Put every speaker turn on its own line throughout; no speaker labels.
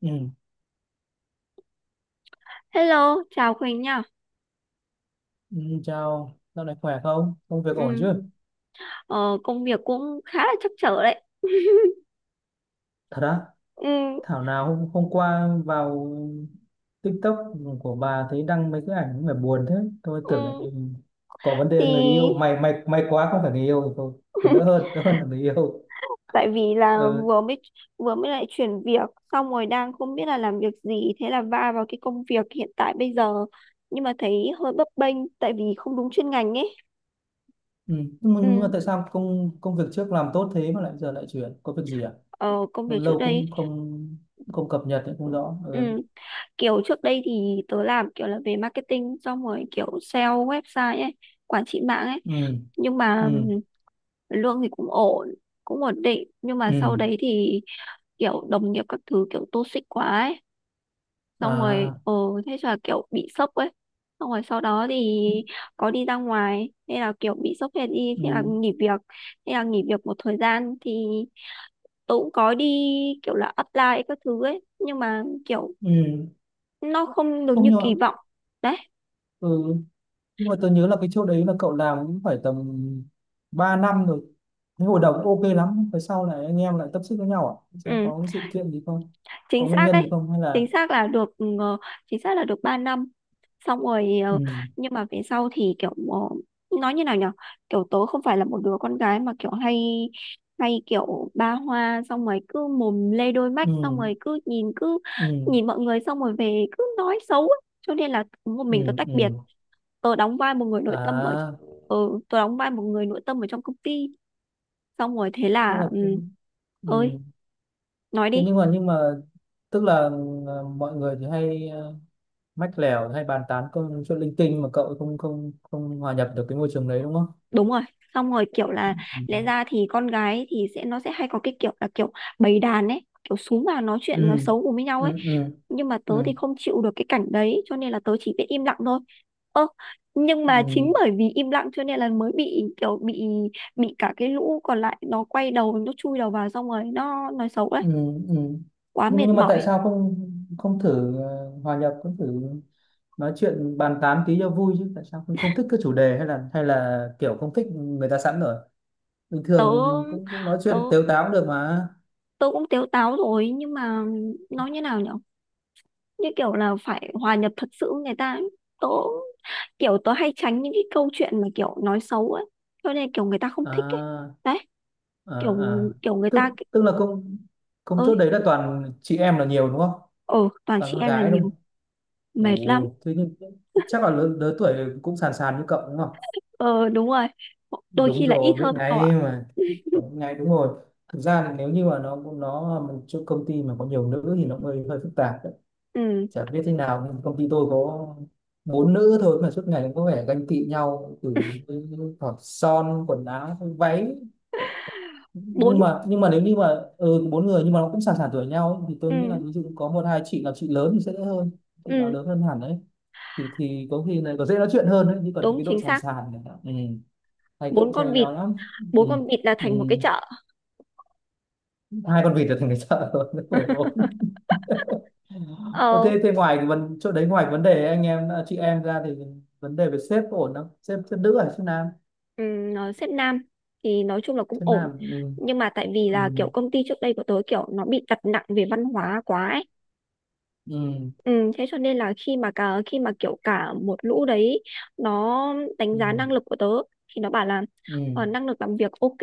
Ừ.
Hello, chào Quỳnh nha.
ừ, Chào, dạo này khỏe không? Công việc ổn
Ừ,
chứ?
Công việc cũng khá là trắc trở đấy.
Thật á?
ừ,
Thảo nào hôm qua vào TikTok của bà thấy đăng mấy cái ảnh mà buồn thế. Tôi
ừ,
tưởng là có vấn đề người yêu.
thì
May quá không phải người yêu thì thôi. Còn đỡ hơn, đỡ hơn là người yêu.
Tại vì là
Ừ.
vừa mới lại chuyển việc xong rồi đang không biết là làm việc gì, thế là va vào cái công việc hiện tại bây giờ, nhưng mà thấy hơi bấp bênh tại vì không đúng chuyên ngành ấy.
Ừ. Nhưng mà
Ừ,
tại sao công công việc trước làm tốt thế mà lại giờ lại chuyển? Có việc gì à?
ờ, Công
Lâu
việc trước
lâu
đây
cũng không không cập nhật cũng không rõ. Ừ.
ừ, kiểu trước đây thì tớ làm kiểu là về marketing, xong rồi kiểu sale website ấy, quản trị mạng ấy,
Ừ.
nhưng mà
Ừ.
lương thì cũng ổn, cũng ổn định. Nhưng mà sau
Ừ.
đấy thì kiểu đồng nghiệp các thứ kiểu toxic quá ấy, xong rồi
À.
ờ thế là kiểu bị sốc ấy, xong rồi sau đó thì có đi ra ngoài nên là kiểu bị sốc thế đi,
Ừ.
thế là nghỉ việc. Thế là nghỉ việc một thời gian thì tôi cũng có đi kiểu là apply các thứ ấy, nhưng mà kiểu
Ừ.
nó không được
Không
như kỳ
nhờ
vọng đấy.
ừ. Nhưng mà tôi nhớ là cái chỗ đấy là cậu làm cũng phải tầm 3 năm rồi, cái hồi đầu cũng ok lắm, phải sau này anh em lại tiếp xúc với nhau à, sao
Ừ,
có cái sự kiện gì không, có
chính
nguyên
xác
nhân
đấy.
gì không hay là
Chính xác là được chính xác là được 3 năm, xong rồi
ừ,
nhưng mà về sau thì kiểu nói như nào nhở, kiểu tớ không phải là một đứa con gái mà kiểu hay hay kiểu ba hoa, xong rồi cứ mồm lê đôi mắt,
ừ,
xong rồi cứ nhìn cứ
ừ,
nhìn mọi người xong rồi về cứ nói xấu ấy. Cho nên là một
ừ,
mình tớ tách biệt.
ừ,
Tớ đóng vai một người nội tâm ở
à,
Ừ, tớ đóng vai một người nội tâm ở trong công ty, xong rồi thế
tức là
là ừ,
cũng-
ơi
ừ.
nói
Thế
đi.
nhưng mà tức là mọi người thì hay mách lèo hay bàn tán công chuyện linh tinh mà cậu không không không hòa nhập được cái môi trường đấy đúng không,
Đúng rồi, xong rồi kiểu là lẽ
ừ,
ra thì con gái thì sẽ nó sẽ hay có cái kiểu là kiểu bầy đàn ấy, kiểu xuống vào nói chuyện nói
ừ,
xấu cùng với nhau ấy,
ừ, ừ,
nhưng mà tớ
ừ,
thì không chịu được cái cảnh đấy, cho nên là tớ chỉ biết im lặng thôi. Ơ, nhưng mà
ừ.
chính bởi vì im lặng cho nên là mới bị kiểu bị cả cái lũ còn lại nó quay đầu nó chui đầu vào xong rồi nó nói xấu đấy.
Ừ.
Quá
nhưng
mệt
nhưng mà tại
mỏi.
sao không không thử hòa nhập, không thử nói chuyện bàn tán tí cho vui chứ, tại sao không không thích cái chủ đề, hay là kiểu không thích người ta sẵn rồi, bình thường
Tớ
cũng cũng nói
tớ
chuyện tếu táo cũng được mà.
Tớ cũng tếu táo rồi, nhưng mà nói như nào nhở, như kiểu là phải hòa nhập thật sự với người ta ấy. tớ Kiểu tớ hay tránh những cái câu chuyện mà kiểu nói xấu ấy, cho nên kiểu người ta không thích ấy
à,
đấy. kiểu
À.
kiểu người ta
tức
ki-
tức là công công chốt
ơi,
đấy là toàn chị em là nhiều đúng không,
ừ toàn
toàn
chị
con
em là
gái đúng
nhiều,
không?
mệt lắm.
Ồ, thế nhưng chắc là lớn lớn tuổi, cũng sàn sàn như cậu đúng không?
Ờ, đúng rồi, đôi
Đúng
khi là ít
rồi, biết
hơn cậu ạ.
ngay mà. Đúng ngay, đúng rồi. Thực ra thì nếu như mà nó một chỗ công ty mà có nhiều nữ thì nó hơi hơi phức tạp đấy.
Ừ,
Chả biết thế nào, công ty tôi có bốn nữ thôi mà suốt ngày cũng có vẻ ganh tị nhau, từ hỏi son, quần áo, váy.
bốn,
Nhưng mà nếu như mà bốn người nhưng mà nó cũng sàn sàn tuổi nhau ấy, thì
ừ,
tôi nghĩ là ví dụ có một hai chị là chị lớn thì sẽ đỡ hơn, chị nào
ừ,
lớn hơn hẳn đấy thì có khi là có dễ nói chuyện hơn đấy, chứ còn
đúng
cái độ
chính
sàn
xác.
sàn này ừ, thầy cũng
Bốn
chơi
con vịt,
nhiều lắm. Ừ.
bốn con vịt là
Ừ.
thành một cái chợ.
Hai con vịt là thành cái chợ rồi đến 14. Ờ,
Ờ,
thế thế ngoài cái vấn chỗ đấy, ngoài cái vấn đề anh em à, chị em ra thì vấn đề về sếp có ổn không, sếp sếp nữ hay sếp nam?
ừm, nó xếp nam thì nói chung là cũng
Sếp
ổn,
nam, ừ.
nhưng mà tại vì là
Ừ.
kiểu công ty trước đây của tớ kiểu nó bị đặt nặng về văn hóa quá ấy.
Ừ.
Thế cho nên là khi mà cả khi mà kiểu cả một lũ đấy nó đánh
Ừ.
giá năng lực của tớ thì nó bảo là
Ừ.
ờ, năng lực làm việc ok,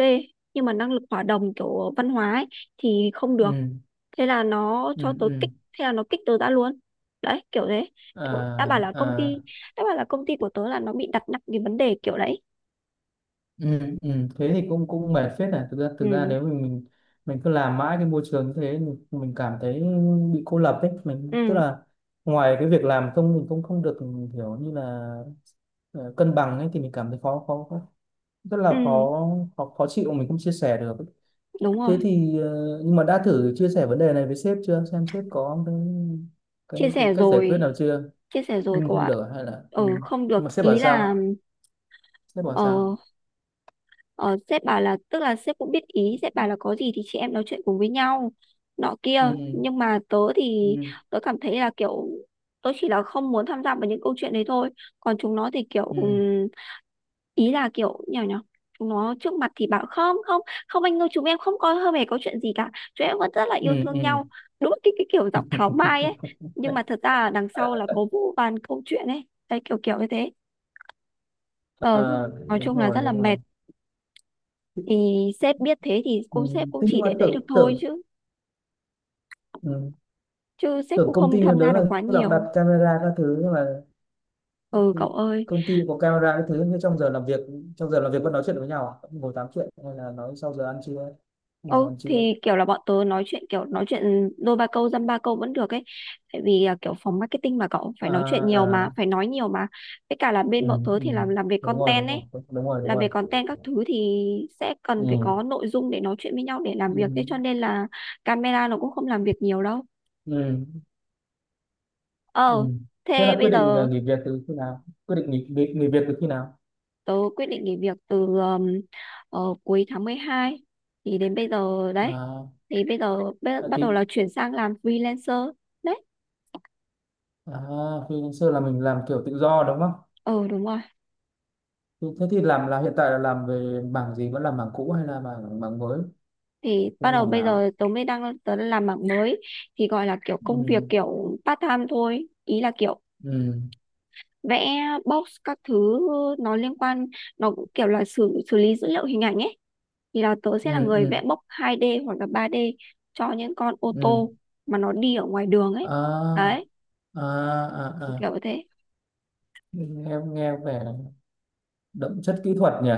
nhưng mà năng lực hòa đồng kiểu văn hóa ấy, thì không được.
Ừ.
thế là nó
Ừ.
cho tớ
Ừ.
kích Thế là nó kích tớ ra luôn, đấy kiểu thế. Kiểu đã bảo
À,
là công
à.
ty Đã bảo là công ty của tớ là nó bị đặt nặng cái vấn đề kiểu đấy.
Ừ, ừ. Thế thì cũng cũng mệt phết này, thực ra
Ừ,
nếu mình cứ làm mãi cái môi trường như thế, mình cảm thấy bị cô lập ấy, mình tức
ừ,
là ngoài cái việc làm không mình cũng không được kiểu như là ờ, cân bằng ấy thì mình cảm thấy khó khó khó- rất
ừ,
là khó khó, khó chịu, mình không chia sẻ được.
đúng rồi.
Thế thì nhưng mà đã thử chia sẻ vấn đề này với sếp chưa, xem sếp có
Chia
cái
sẻ
cách giải
rồi,
quyết nào chưa?
chia sẻ rồi
Nhưng mà
cô
không
ạ.
được à, hay là ừ.
Ừ không
Nhưng
được
mà sếp bảo
ý là
sao, sếp bảo
ờ.
sao?
Ờ, sếp bảo là, tức là sếp cũng biết ý, sếp bảo là có gì thì chị em nói chuyện cùng với nhau nọ kia.
Ừ.
Nhưng mà tớ thì
Ừ.
tớ cảm thấy là kiểu tớ chỉ là không muốn tham gia vào những câu chuyện đấy thôi. Còn chúng nó thì kiểu
Ừ.
ý là kiểu nhỏ nhỏ, chúng nó trước mặt thì bảo không không không anh ơi chúng em không có hơi hề có chuyện gì cả, chúng em vẫn rất là
ừ,
yêu thương
ừ,
nhau, đúng cái kiểu giọng tháo mai ấy. Nhưng mà thật ra là đằng sau là có vô vàn câu chuyện ấy đấy kiểu kiểu như thế. Ờ,
à,
nói chung là rất là
đúng rồi
mệt. Thì sếp biết thế thì
ừ.
cô sếp cũng
Thế
chỉ
nhưng mà
để đấy được
tưởng
thôi,
tưởng
chứ
ừ.
chứ sếp
Tưởng
cũng
công
không
ty đó
tham gia
là
được
lúc
quá
nào cũng đặt
nhiều.
camera các thứ nhưng mà
Ừ cậu ơi,
công ty có camera các thứ, nhưng trong giờ làm việc, trong giờ làm việc vẫn nói chuyện với nhau à? Vẫn ngồi tám chuyện hay là nói sau giờ ăn trưa? Sau giờ
ô
ăn trưa
thì kiểu là bọn tớ nói chuyện, kiểu nói chuyện đôi ba câu dăm ba câu vẫn được ấy, tại vì à, kiểu phòng marketing mà cậu, phải
à,
nói chuyện nhiều mà,
à,
phải nói nhiều mà. Với cả là
ừ,
bên bọn tớ
ừ.
thì làm về
Đúng rồi,
content
đúng rồi,
ấy,
đúng rồi, đúng
làm về
rồi,
content các thứ thì sẽ cần phải
ừ.
có nội dung để nói chuyện với nhau để làm việc, thế
Ừ.
cho nên là camera nó cũng không làm việc nhiều đâu.
Ừ. Ừ.
Ờ,
Thế
thế
là quyết
bây
định
giờ
nghỉ việc từ khi nào, quyết định nghỉ nghỉ, nghỉ việc từ khi nào?
tớ quyết định nghỉ việc từ cuối tháng mười hai, thì đến bây giờ đấy, thì bây giờ
À.
bắt đầu là chuyển sang làm freelancer đấy.
À, freelancer là mình làm kiểu tự do đúng không?
Ừ đúng rồi,
Thế thế thì làm là hiện tại là làm về mảng gì? Vẫn là mảng cũ hay là mảng mảng mới?
thì bắt
Bên
đầu
mảng
bây
nào?
giờ tớ mới đang tớ đang làm mảng mới, thì gọi là kiểu công việc
Ừ,
kiểu part time thôi, ý là kiểu
ừ,
vẽ box các thứ. Nó liên quan, nó cũng kiểu là xử xử lý dữ liệu hình ảnh ấy, thì là tớ sẽ là
ừ,
người
ừ,
vẽ box 2D hoặc là 3D cho những con ô
ừ.
tô mà nó đi ở ngoài đường ấy
À,
đấy
à, à, à.
kiểu thế.
Nghe vẻ đậm chất kỹ thuật nhỉ?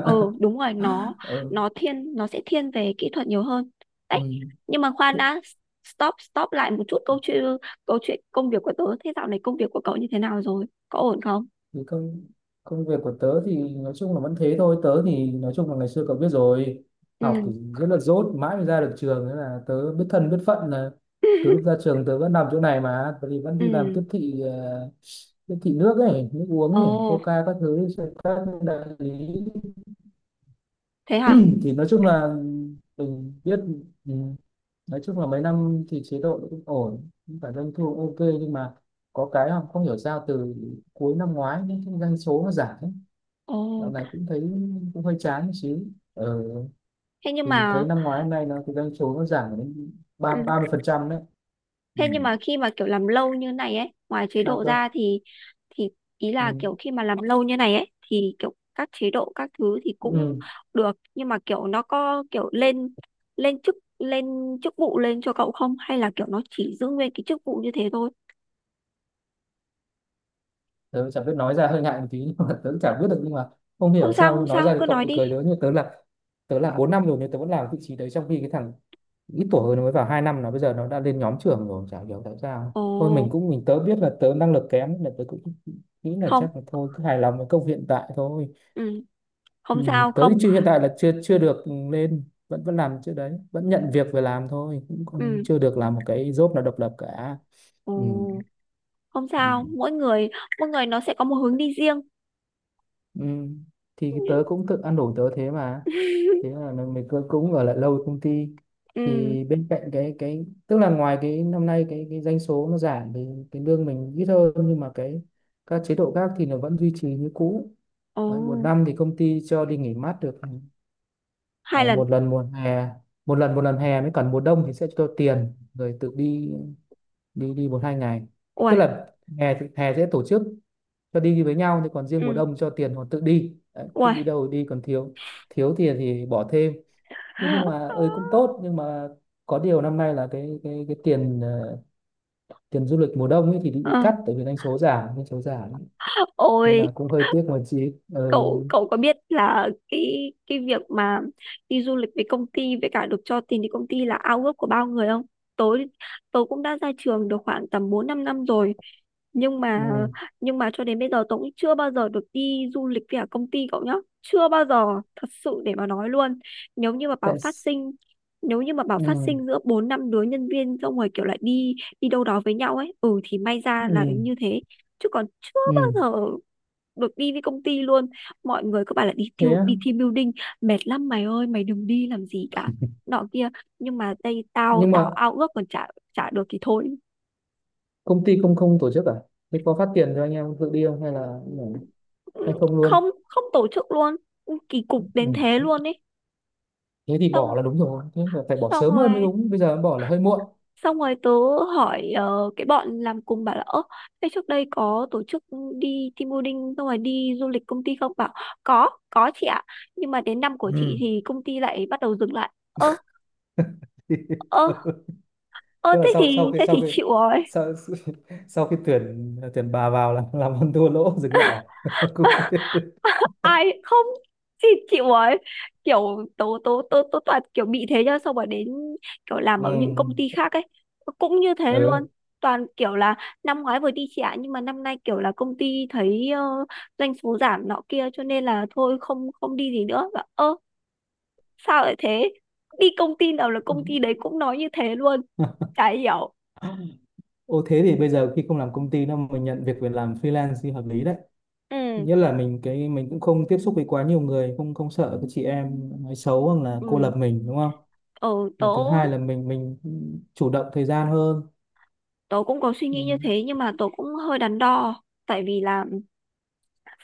Ừ đúng rồi, nó
ừ,
nó thiên nó sẽ thiên về kỹ thuật nhiều hơn đấy.
ừ.
Nhưng mà khoan đã, stop stop lại một chút câu chuyện, câu chuyện công việc của tớ. Thế dạo này công việc của cậu như thế nào rồi, có ổn không?
Thì công công việc của tớ thì nói chung là vẫn thế thôi, tớ thì nói chung là ngày xưa cậu biết rồi,
Ừ
học thì rất là dốt mãi mới ra được trường nên là tớ biết thân biết phận là từ lúc ra trường tớ vẫn làm chỗ này, mà tớ thì vẫn đi làm
ừ,
tiếp thị tiếp thị nước ấy, nước
ồ
uống ấy, coca các thứ cho các đại lý.
thế hả,
Thì nói chung là mình biết ừ, nói chung là mấy năm thì chế độ cũng ổn, cũng phải doanh thu ok, nhưng mà có cái không hiểu sao từ cuối năm ngoái những cái doanh số nó giảm,
ồ
dạo này cũng thấy cũng hơi chán một xíu ờ,
thế nhưng
thì
mà
thấy năm ngoái hôm nay nó cái doanh số nó giảm đến ba
ừ.
ba mươi phần trăm đấy. Ừ.
Thế nhưng mà khi mà kiểu làm lâu như này ấy, ngoài chế
Sao
độ
cơ?
ra thì ý là
Ừ.
kiểu khi mà làm lâu như này ấy thì kiểu các chế độ các thứ thì cũng
Ừ.
được, nhưng mà kiểu nó có kiểu lên lên chức vụ lên cho cậu không, hay là kiểu nó chỉ giữ nguyên cái chức vụ như thế thôi?
Tớ chả biết nói ra hơi ngại một tí nhưng mà tớ chả biết được, nhưng mà không
Không
hiểu
sao,
sao
không
nói
sao,
ra thì
cứ
cậu
nói
bị
đi.
cười tớ, nhưng mà tớ là bốn năm rồi nhưng tớ vẫn làm vị trí đấy, trong khi cái thằng ít tuổi hơn nó mới vào hai năm là bây giờ nó đã lên nhóm trưởng rồi, chả hiểu tại sao.
Ồ,
Thôi mình cũng mình tớ biết là tớ năng lực kém nên là tớ cũng nghĩ là
không,
chắc là thôi cứ hài lòng với công việc hiện tại thôi.
ừ,
Ừ,
không sao,
tới
không,
chưa, hiện tại là chưa chưa được lên, vẫn vẫn làm chưa đấy, vẫn nhận việc về làm thôi, cũng còn
ừ,
chưa được làm một cái job nào độc lập cả.
ồ,
Ừ.
không
Ừ.
sao, mỗi người nó sẽ có một hướng đi riêng.
Ừ. Thì tớ cũng tự ăn đủ tớ thế mà thế là cũng ở lại lâu công ty
Ừ,
thì bên cạnh cái tức là ngoài cái năm nay cái doanh số nó giảm thì cái lương mình ít hơn, nhưng mà cái các chế độ khác thì nó vẫn duy trì như cũ.
ồ,
Đấy, một năm thì công ty cho đi nghỉ mát được
hai
Ờ,
lần,
một lần mùa hè, một lần hè mới, còn mùa đông thì sẽ cho tiền rồi tự đi, đi một hai ngày,
ui,
tức là hè sẽ tổ chức cho đi với nhau, thì còn riêng mùa
ừ,
đông cho tiền họ tự đi. Đấy, thích
ui.
đi đâu thì đi, còn thiếu thiếu tiền thì bỏ thêm. Thế nhưng mà ơi cũng tốt, nhưng mà có điều năm nay là cái tiền tiền du lịch mùa đông ấy thì bị
Ờ,
cắt, tại vì doanh số giảm, doanh số giảm nên
ôi,
là cũng hơi tiếc một chị, ừ,
cậu cậu có biết là cái việc mà đi du lịch với công ty, với cả được cho tiền đi công ty là ao ước của bao người không? Tớ Tớ cũng đã ra trường được khoảng tầm bốn năm năm rồi, nhưng mà
ừ,
nhưng mà cho đến bây giờ tớ cũng chưa bao giờ được đi du lịch với cả công ty cậu nhá, chưa bao giờ, thật sự để mà nói luôn. nếu như mà
tại
bảo phát
s-
sinh Nếu như mà bảo
ừ,
phát sinh giữa bốn năm đứa nhân viên xong rồi kiểu lại đi đi đâu đó với nhau ấy ừ thì may ra là
ừ,
như thế, chứ còn chưa bao
ừ.
giờ được đi với công ty luôn. Mọi người cứ bảo là đi
Thế
thiêu
á.
đi team building mệt lắm mày ơi, mày đừng đi làm gì cả nọ kia, nhưng mà đây tao
Nhưng
tao
mà
ao ước còn chả chả được thì thôi.
công ty không không tổ chức à, thế có phát tiền cho anh em tự đi không hay là hay
Ừ,
không luôn?
không không tổ chức luôn, kỳ cục đến thế
Ừ.
luôn ấy.
Thế thì
Xong
bỏ là đúng rồi, thế là phải bỏ
xong
sớm hơn mới
rồi
đúng, bây giờ bỏ là hơi muộn.
Xong rồi tớ hỏi ờ, cái bọn làm cùng bảo là ơ thế trước đây có tổ chức đi team building xong rồi đi du lịch công ty không, bảo có chị ạ, nhưng mà đến năm của chị
Ừ.
thì công ty lại bắt đầu dừng lại. Ơ ơ Ơ
Tức là sau sau khi
thế
sau
thì
khi
chịu rồi.
sau, sau khi tuyển tuyển bà vào là làm ăn thua lỗ dừng lại à? Cũng-
Ai không, chị chịu ấy. Kiểu tố tố tố tố toàn kiểu bị thế nhá, xong rồi đến kiểu làm
ừ.
ở những công ty khác ấy cũng như thế luôn.
ừ.
Toàn kiểu là năm ngoái vừa đi trả, nhưng mà năm nay kiểu là công ty thấy ờ, doanh số giảm nọ kia cho nên là thôi không không đi gì nữa và ơ sao lại thế, đi công ty nào là công ty đấy cũng nói như thế luôn, chả hiểu.
Ô thế thì bây giờ khi không làm công ty đâu, mình nhận việc về làm freelance thì hợp lý đấy,
Ừ.
nhất là mình cũng không tiếp xúc với quá nhiều người, không không sợ cái chị em nói xấu hoặc là cô lập
Ừ,
mình đúng không,
ờ, tớ
và thứ hai là mình chủ động thời gian hơn
tớ cũng có suy nghĩ như
ừ,
thế, nhưng mà tớ cũng hơi đắn đo tại vì là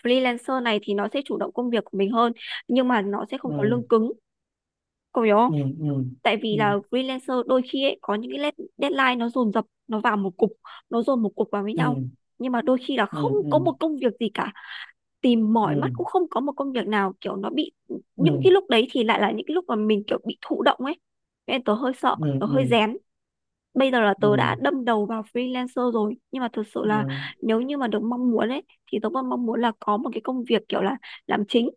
freelancer này thì nó sẽ chủ động công việc của mình hơn, nhưng mà nó sẽ không có
ừ,
lương cứng, cậu hiểu không?
ừ, ừ,
Tại vì là freelancer đôi khi ấy, có những cái lết- deadline nó dồn dập nó vào một cục, nó dồn một cục vào với nhau,
ừ,
nhưng mà đôi khi là
ừ,
không
ừ,
có một công việc gì cả, tìm
ừ,
mỏi mắt cũng không có một công việc nào, kiểu nó bị, những
ừ,
cái lúc đấy thì lại là những cái lúc mà mình kiểu bị thụ động ấy. Nên tớ hơi sợ,
ừ, ừ,
tớ hơi
ừ,
rén. Bây giờ là
ừ,
tớ đã đâm đầu vào freelancer rồi, nhưng mà thực sự là
ừ,
nếu như mà được mong muốn ấy thì tớ còn mong muốn là có một cái công việc kiểu là làm chính,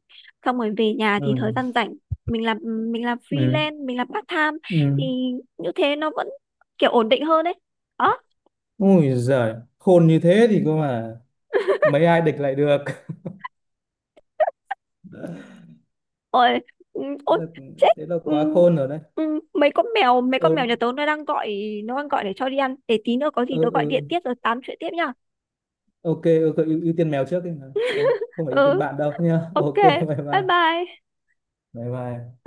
xong rồi về nhà
ừ,
thì thời gian rảnh mình làm mình làm
ừ,
freelance, mình làm part time,
ừ.
thì như thế nó vẫn kiểu ổn định hơn đấy đó.
Ui giời, khôn như thế thì cơ mà mấy ai địch lại được
Ôi, ừ,
thế
ôi
là,
chết.
thế là quá
Ừ,
khôn rồi đấy,
ừ, mấy con mèo nhà
ừ,
tớ nó đang gọi, nó đang gọi để cho đi ăn, để tí nữa có gì tớ
ừ,
gọi điện
ừ.
tiếp rồi tám chuyện tiếp nha.
Ok, ok, ưu tiên mèo trước đi. Vâng, không phải ưu tiên
Ừ
bạn đâu nha,
ok,
ok bye
bye
bye,
bye.
bye bye.